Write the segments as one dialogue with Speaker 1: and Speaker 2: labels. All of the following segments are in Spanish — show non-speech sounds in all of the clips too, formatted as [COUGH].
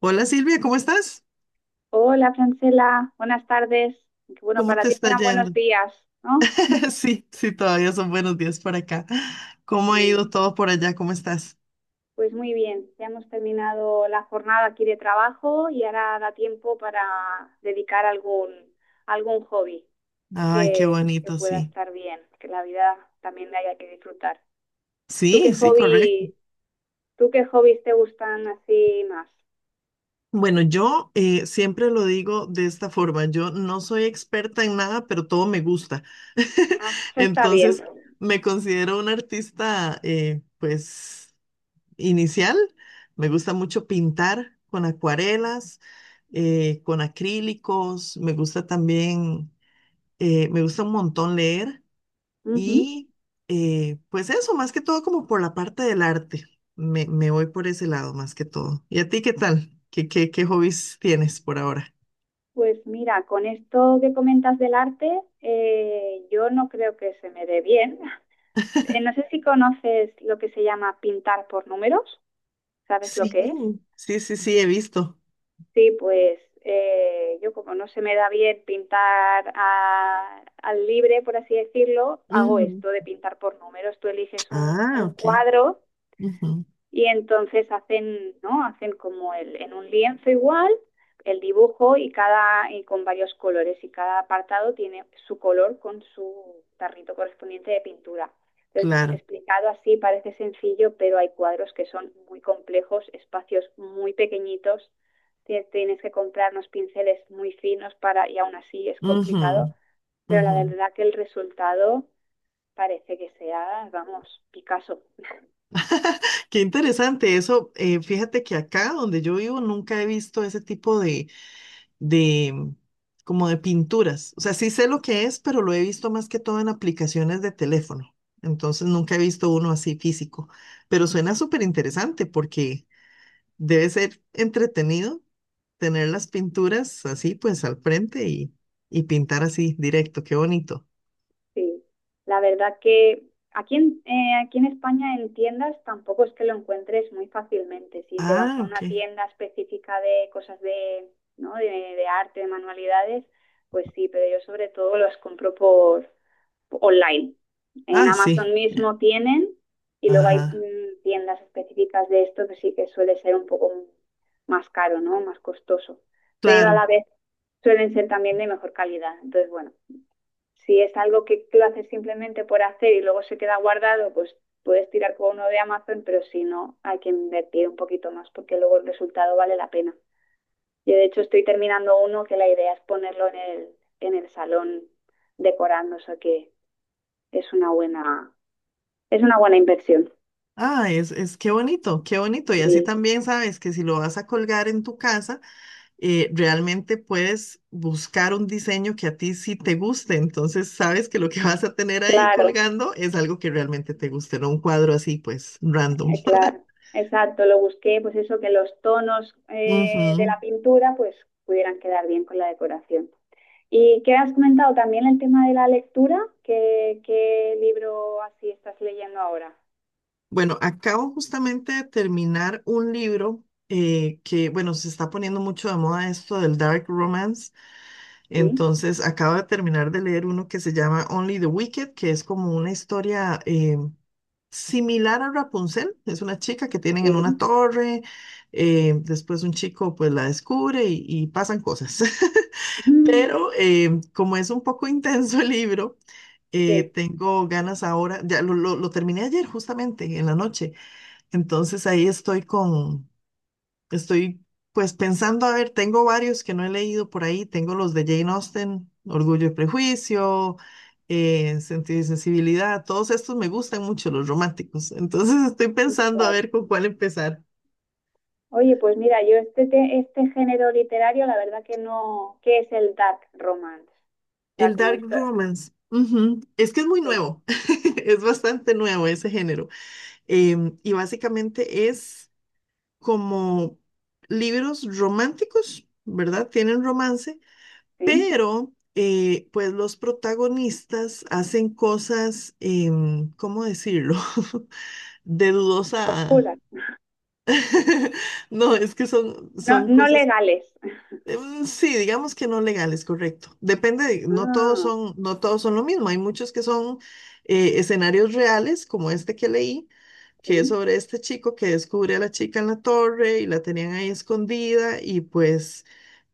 Speaker 1: Hola Silvia, ¿cómo estás?
Speaker 2: Hola, Francela, buenas tardes. Aunque, bueno,
Speaker 1: ¿Cómo
Speaker 2: para
Speaker 1: te
Speaker 2: ti
Speaker 1: está
Speaker 2: serán
Speaker 1: yendo?
Speaker 2: buenos días, ¿no?
Speaker 1: [LAUGHS] Sí, sí, todavía son buenos días por acá. ¿Cómo ha
Speaker 2: Muy-
Speaker 1: ido todo por allá? ¿Cómo estás?
Speaker 2: pues muy bien, ya hemos terminado la jornada aquí de trabajo y ahora da tiempo para dedicar algún, algún hobby
Speaker 1: Ay, qué
Speaker 2: que,
Speaker 1: bonito,
Speaker 2: pueda
Speaker 1: sí.
Speaker 2: estar bien, que la vida también la haya que disfrutar. ¿Tú
Speaker 1: Sí,
Speaker 2: qué
Speaker 1: sí, correcto.
Speaker 2: hobby, tú qué hobbies te gustan así más?
Speaker 1: Bueno, yo siempre lo digo de esta forma, yo no soy experta en nada, pero todo me gusta.
Speaker 2: Ah,
Speaker 1: [LAUGHS]
Speaker 2: eso está bien.
Speaker 1: Entonces, me considero una artista, pues, inicial. Me gusta mucho pintar con acuarelas, con acrílicos, me gusta también. Me gusta un montón leer
Speaker 2: Ujú.
Speaker 1: y pues eso, más que todo como por la parte del arte. Me voy por ese lado más que todo. ¿Y a ti qué tal? ¿Qué hobbies tienes por ahora?
Speaker 2: Pues mira, con esto que comentas del arte, yo no creo que se me dé bien. No sé si conoces lo que se llama pintar por números, ¿sabes lo
Speaker 1: Sí,
Speaker 2: que es?
Speaker 1: sí, he visto.
Speaker 2: Sí, pues yo como no se me da bien pintar a- al libre, por así decirlo, hago
Speaker 1: Ujú.
Speaker 2: esto de pintar por números. Tú eliges
Speaker 1: Ah,
Speaker 2: un
Speaker 1: ok.
Speaker 2: cuadro.
Speaker 1: Ujú.
Speaker 2: Y entonces hacen, ¿no? Hacen como el, en un lienzo igual el dibujo y cada y con varios colores y cada apartado tiene su color con su tarrito correspondiente de pintura. Entonces,
Speaker 1: Claro.
Speaker 2: explicado así parece sencillo, pero hay cuadros que son muy complejos, espacios muy pequeñitos, tienes que comprar unos pinceles muy finos para y aún así es
Speaker 1: Ujú,
Speaker 2: complicado, pero la
Speaker 1: ujú.
Speaker 2: verdad que el resultado parece que sea, vamos, Picasso.
Speaker 1: Qué interesante eso. Fíjate que acá donde yo vivo nunca he visto ese tipo de como de pinturas. O sea, sí sé lo que es, pero lo he visto más que todo en aplicaciones de teléfono. Entonces nunca he visto uno así físico. Pero suena súper interesante porque debe ser entretenido tener las pinturas así pues al frente y pintar así directo. Qué bonito.
Speaker 2: Sí, la verdad que aquí en, aquí en España en tiendas tampoco es que lo encuentres muy fácilmente. Si te vas
Speaker 1: Ah,
Speaker 2: a
Speaker 1: ok.
Speaker 2: una tienda específica de cosas de, ¿no? De arte, de manualidades, pues sí, pero yo sobre todo los compro por online. En
Speaker 1: Ah, sí.
Speaker 2: Amazon mismo tienen y luego hay
Speaker 1: Ajá.
Speaker 2: tiendas específicas de esto que sí que suele ser un poco más caro, ¿no? Más costoso, pero a
Speaker 1: Claro.
Speaker 2: la vez suelen ser también de mejor calidad. Entonces, bueno. Si es algo que lo haces simplemente por hacer y luego se queda guardado, pues puedes tirar con uno de Amazon, pero si no, hay que invertir un poquito más porque luego el resultado vale la pena. Yo de hecho estoy terminando uno que la idea es ponerlo en el salón decorando, o sea que es una buena, es una buena inversión.
Speaker 1: Ah, es qué bonito, qué bonito. Y así
Speaker 2: Sí,
Speaker 1: también sabes que si lo vas a colgar en tu casa, realmente puedes buscar un diseño que a ti sí te guste. Entonces sabes que lo que [LAUGHS] vas a tener ahí
Speaker 2: claro,
Speaker 1: colgando es algo que realmente te guste, no un cuadro así, pues, random. [LAUGHS]
Speaker 2: claro. Exacto, lo busqué, pues eso, que los tonos de
Speaker 1: Ujú.
Speaker 2: la pintura pues pudieran quedar bien con la decoración. ¿Y qué has comentado también el tema de la lectura? ¿Qué, qué libro así estás leyendo ahora?
Speaker 1: Bueno, acabo justamente de terminar un libro que, bueno, se está poniendo mucho de moda esto del dark romance.
Speaker 2: Sí,
Speaker 1: Entonces, acabo de terminar de leer uno que se llama Only the Wicked, que es como una historia, similar a Rapunzel, es una chica que tienen en una
Speaker 2: sí.
Speaker 1: torre, después un chico pues la descubre y pasan cosas. [LAUGHS]
Speaker 2: Mm.
Speaker 1: Pero como es un poco intenso el libro,
Speaker 2: Sí.
Speaker 1: tengo ganas ahora, ya lo terminé ayer justamente en la noche, entonces ahí estoy con. Estoy Pues pensando, a ver, tengo varios que no he leído por ahí, tengo los de Jane Austen, Orgullo y Prejuicio, Sentido y Sensibilidad, todos estos me gustan mucho, los románticos, [LAUGHS] entonces estoy pensando a
Speaker 2: Claro.
Speaker 1: ver con cuál empezar.
Speaker 2: Oye, pues mira, yo este, te- este género literario, la verdad que no, ¿qué es el dark romance? O sea,
Speaker 1: El
Speaker 2: como
Speaker 1: Dark
Speaker 2: historia,
Speaker 1: Romance, ujú. Es que es muy
Speaker 2: sí,
Speaker 1: nuevo, [LAUGHS] es bastante nuevo ese género, y básicamente es como libros románticos, ¿verdad? Tienen romance.
Speaker 2: sí.
Speaker 1: Pero, pues los protagonistas hacen cosas, ¿cómo decirlo? [LAUGHS] De dudosa.
Speaker 2: Oscuras,
Speaker 1: [LAUGHS] No, es que son,
Speaker 2: no,
Speaker 1: son
Speaker 2: no
Speaker 1: cosas,
Speaker 2: legales. [LAUGHS]
Speaker 1: sí, digamos que no legales, correcto. Depende de- no todos
Speaker 2: Ah,
Speaker 1: son, no todos son lo mismo. Hay muchos que son escenarios reales, como este que leí, que es
Speaker 2: sí.
Speaker 1: sobre este chico que descubre a la chica en la torre y la tenían ahí escondida y pues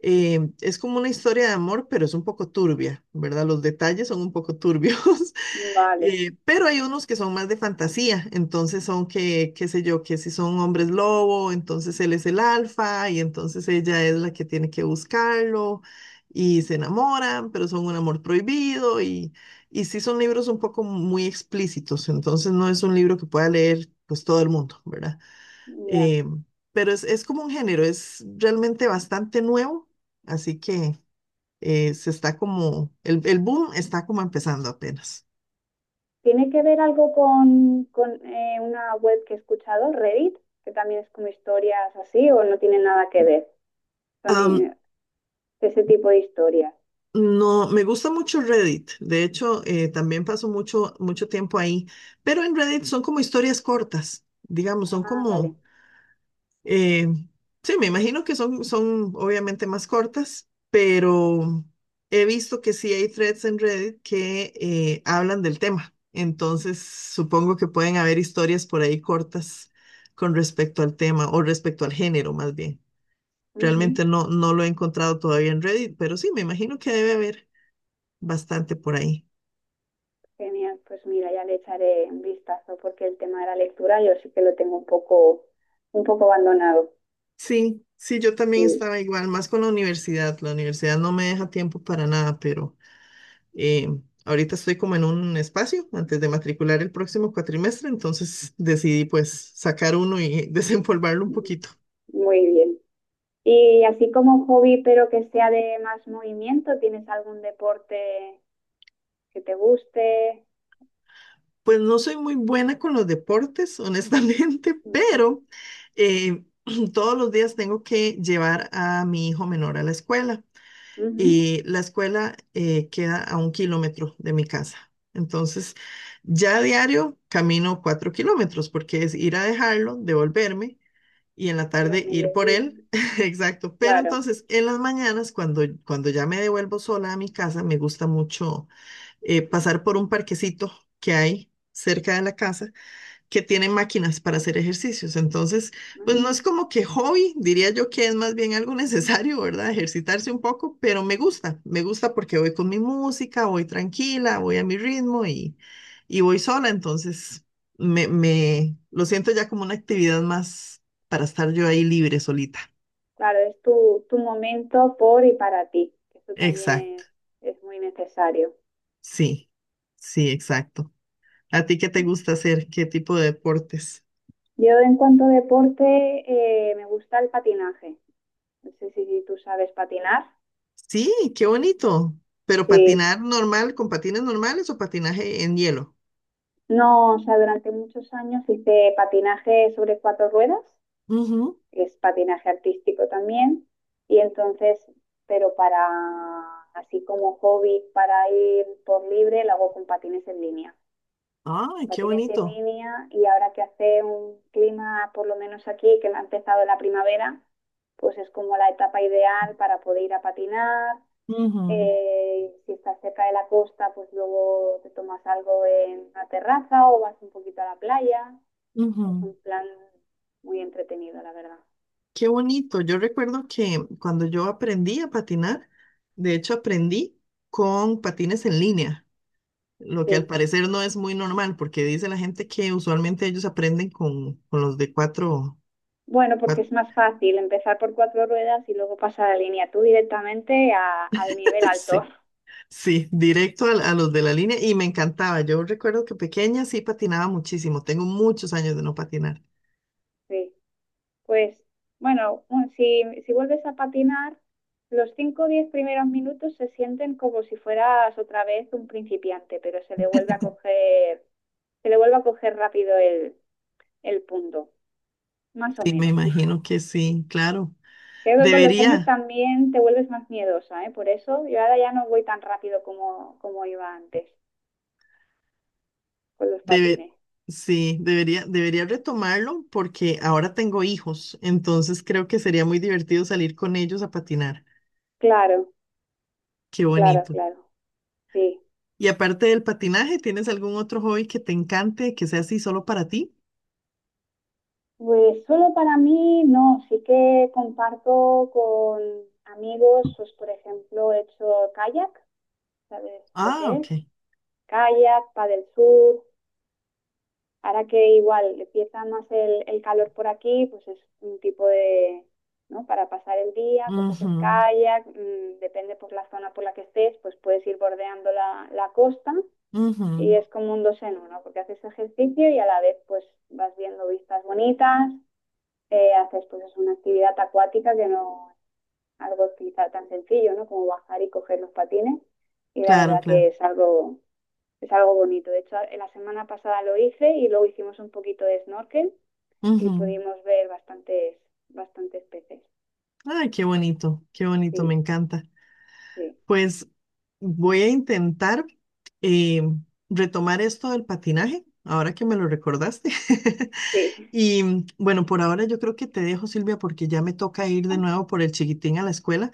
Speaker 1: es como una historia de amor, pero es un poco turbia, ¿verdad? Los detalles son un poco turbios. [LAUGHS]
Speaker 2: Vale,
Speaker 1: Pero hay unos que son más de fantasía, entonces son que, qué sé yo, que si son hombres lobo, entonces él es el alfa y entonces ella es la que tiene que buscarlo y se enamoran, pero son un amor prohibido y sí son libros un poco muy explícitos, entonces no es un libro que pueda leer pues todo el mundo, ¿verdad?
Speaker 2: ya.
Speaker 1: Eh, pero es como un género, es realmente bastante nuevo, así que se está como, el boom está como empezando apenas.
Speaker 2: ¿Tiene que ver algo con una web que he escuchado, Reddit, que también es como historias así, o no tiene nada que ver? Son
Speaker 1: Am,
Speaker 2: ese tipo de historias.
Speaker 1: No, me gusta mucho Reddit. De hecho, también paso mucho tiempo ahí. Pero en Reddit son como historias cortas, digamos, son
Speaker 2: Ah, vale.
Speaker 1: como, eh, sí, me imagino que son, son obviamente más cortas, pero he visto que sí hay threads en Reddit que hablan del tema. Entonces, supongo que pueden haber historias por ahí cortas con respecto al tema o respecto al género, más bien.
Speaker 2: Ujú.
Speaker 1: Realmente no, no lo he encontrado todavía en Reddit, pero sí, me imagino que debe haber bastante por ahí.
Speaker 2: Genial, pues mira, ya le echaré un vistazo porque el tema de la lectura yo sí que lo tengo un poco abandonado.
Speaker 1: Sí, sí, yo también
Speaker 2: Y-
Speaker 1: estaba igual, más con la universidad. La universidad no me deja tiempo para nada, pero eh, ahorita estoy como en un espacio antes de matricular el próximo cuatrimestre, entonces decidí pues sacar uno y [LAUGHS] desempolvarlo un poquito.
Speaker 2: muy bien. Y así como hobby, pero que sea de más movimiento, ¿tienes algún deporte que te guste?
Speaker 1: Pues no soy muy buena con los deportes, honestamente, [LAUGHS]
Speaker 2: Ujú.
Speaker 1: pero eh, [CLEARS THROAT] todos los días tengo que llevar a mi hijo menor a la escuela,
Speaker 2: Ujú.
Speaker 1: y la escuela queda a un kilómetro de mi casa. Entonces, ya a diario camino cuatro kilómetros porque es ir a dejarlo, devolverme y en la
Speaker 2: Ir al
Speaker 1: tarde ir por
Speaker 2: mediodía.
Speaker 1: él. [LAUGHS] Exacto. Pero
Speaker 2: Claro.
Speaker 1: entonces, en las mañanas, cuando ya me devuelvo sola a mi casa, me gusta mucho pasar por un parquecito que hay cerca de la casa que tienen máquinas para hacer ejercicios. Entonces, pues no es
Speaker 2: Mm,
Speaker 1: como que hobby, diría yo que es más bien algo [LAUGHS] necesario, ¿verdad? Ejercitarse un poco, pero me gusta porque voy con mi música, voy tranquila, voy a mi ritmo y voy sola. Entonces, me lo siento ya como una actividad más para estar yo ahí libre, solita.
Speaker 2: claro, es tu, tu momento por y para ti, que eso también
Speaker 1: Exacto,
Speaker 2: es muy necesario.
Speaker 1: sí, sí, exacto. ¿A ti qué te gusta hacer? ¿Qué tipo de deportes?
Speaker 2: Yo en cuanto a deporte, me gusta el patinaje. No sé si, si tú sabes patinar.
Speaker 1: Sí, qué bonito. Pero
Speaker 2: Sí,
Speaker 1: patinar normal, ¿con patines normales o patinaje en hielo?
Speaker 2: no, o sea, durante muchos años hice patinaje sobre cuatro ruedas,
Speaker 1: Ujú.
Speaker 2: que es patinaje artístico también, y entonces, pero para, así como hobby, para ir por libre, lo hago con patines en línea.
Speaker 1: Ay,
Speaker 2: La
Speaker 1: qué
Speaker 2: tienes en
Speaker 1: bonito.
Speaker 2: línea y ahora que hace un clima, por lo menos aquí, que me ha empezado la primavera, pues es como la etapa ideal para poder ir a patinar.
Speaker 1: Ujú,
Speaker 2: Si estás cerca de la costa, pues luego te tomas algo en una terraza o vas un poquito a la playa. Es
Speaker 1: ujú.
Speaker 2: un plan muy entretenido, la verdad.
Speaker 1: Qué bonito. Yo recuerdo que cuando yo aprendí a patinar, de hecho aprendí con patines en línea, lo que al
Speaker 2: Sí.
Speaker 1: parecer no es muy normal, porque dice la gente que usualmente ellos aprenden con los de cuatro.
Speaker 2: Bueno, porque es más
Speaker 1: [LAUGHS]
Speaker 2: fácil empezar por cuatro ruedas y luego pasar a la línea tú directamente a- al nivel alto.
Speaker 1: Sí. Sí, directo al- a, los de la línea y me encantaba. Yo recuerdo que pequeña sí patinaba muchísimo. Tengo muchos años de no patinar.
Speaker 2: Sí. Pues bueno, un- si, si vuelves a patinar, los 5 o 10 primeros minutos se sienten como si fueras otra vez un principiante, pero se le vuelve a coger, se le vuelve a coger rápido el punto, más o
Speaker 1: Sí, me
Speaker 2: menos. [LAUGHS]
Speaker 1: imagino que sí, claro.
Speaker 2: Creo que con los años
Speaker 1: Debería,
Speaker 2: también te vuelves más miedosa, ¿eh? Por eso yo ahora ya no voy tan rápido como, como iba antes con los
Speaker 1: debe,
Speaker 2: patines.
Speaker 1: sí, debería, debería retomarlo porque ahora tengo hijos, entonces creo que sería muy divertido salir con ellos a patinar.
Speaker 2: Claro,
Speaker 1: Qué
Speaker 2: claro,
Speaker 1: bonito.
Speaker 2: claro. Sí.
Speaker 1: Y aparte del patinaje, ¿tienes algún otro hobby que te encante, que sea así solo para ti?
Speaker 2: Pues solo para mí no, sí que comparto con amigos, pues por ejemplo he hecho kayak, ¿sabes lo
Speaker 1: Ah,
Speaker 2: que
Speaker 1: ok.
Speaker 2: es? Kayak, paddle surf. Ahora que igual empieza más el calor por aquí, pues es un tipo de, ¿no? Para pasar el día, coges el
Speaker 1: Ujú,
Speaker 2: kayak, depende por la zona por la que estés, pues puedes ir bordeando la, la costa
Speaker 1: ujú.
Speaker 2: y es como un dos en uno, porque haces ejercicio y a la vez pues vas viendo vistas bonitas haces pues es una actividad acuática que no es algo quizá tan sencillo, ¿no? Como bajar y coger los patines y la
Speaker 1: Claro,
Speaker 2: verdad
Speaker 1: claro.
Speaker 2: que es algo bonito. De hecho, la semana pasada lo hice y luego hicimos un poquito de snorkel y
Speaker 1: Ujú.
Speaker 2: pudimos ver bastantes bastantes peces.
Speaker 1: Ay, qué bonito, me
Speaker 2: Sí,
Speaker 1: encanta.
Speaker 2: sí,
Speaker 1: Pues voy a intentar eh, retomar esto del patinaje, ahora que me lo recordaste. [LAUGHS]
Speaker 2: sí.
Speaker 1: Y mm, bueno, por ahora yo creo que te dejo, Silvia, porque ya me toca ir de
Speaker 2: [LAUGHS]
Speaker 1: nuevo por el chiquitín a la escuela,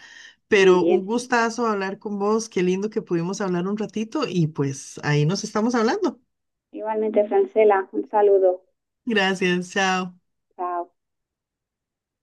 Speaker 2: Muy
Speaker 1: pero un
Speaker 2: bien.
Speaker 1: gustazo hablar con vos, qué lindo que pudimos hablar un ratito y pues ahí nos estamos hablando.
Speaker 2: Igualmente, Francela, un saludo.
Speaker 1: Gracias, chao.
Speaker 2: Chao.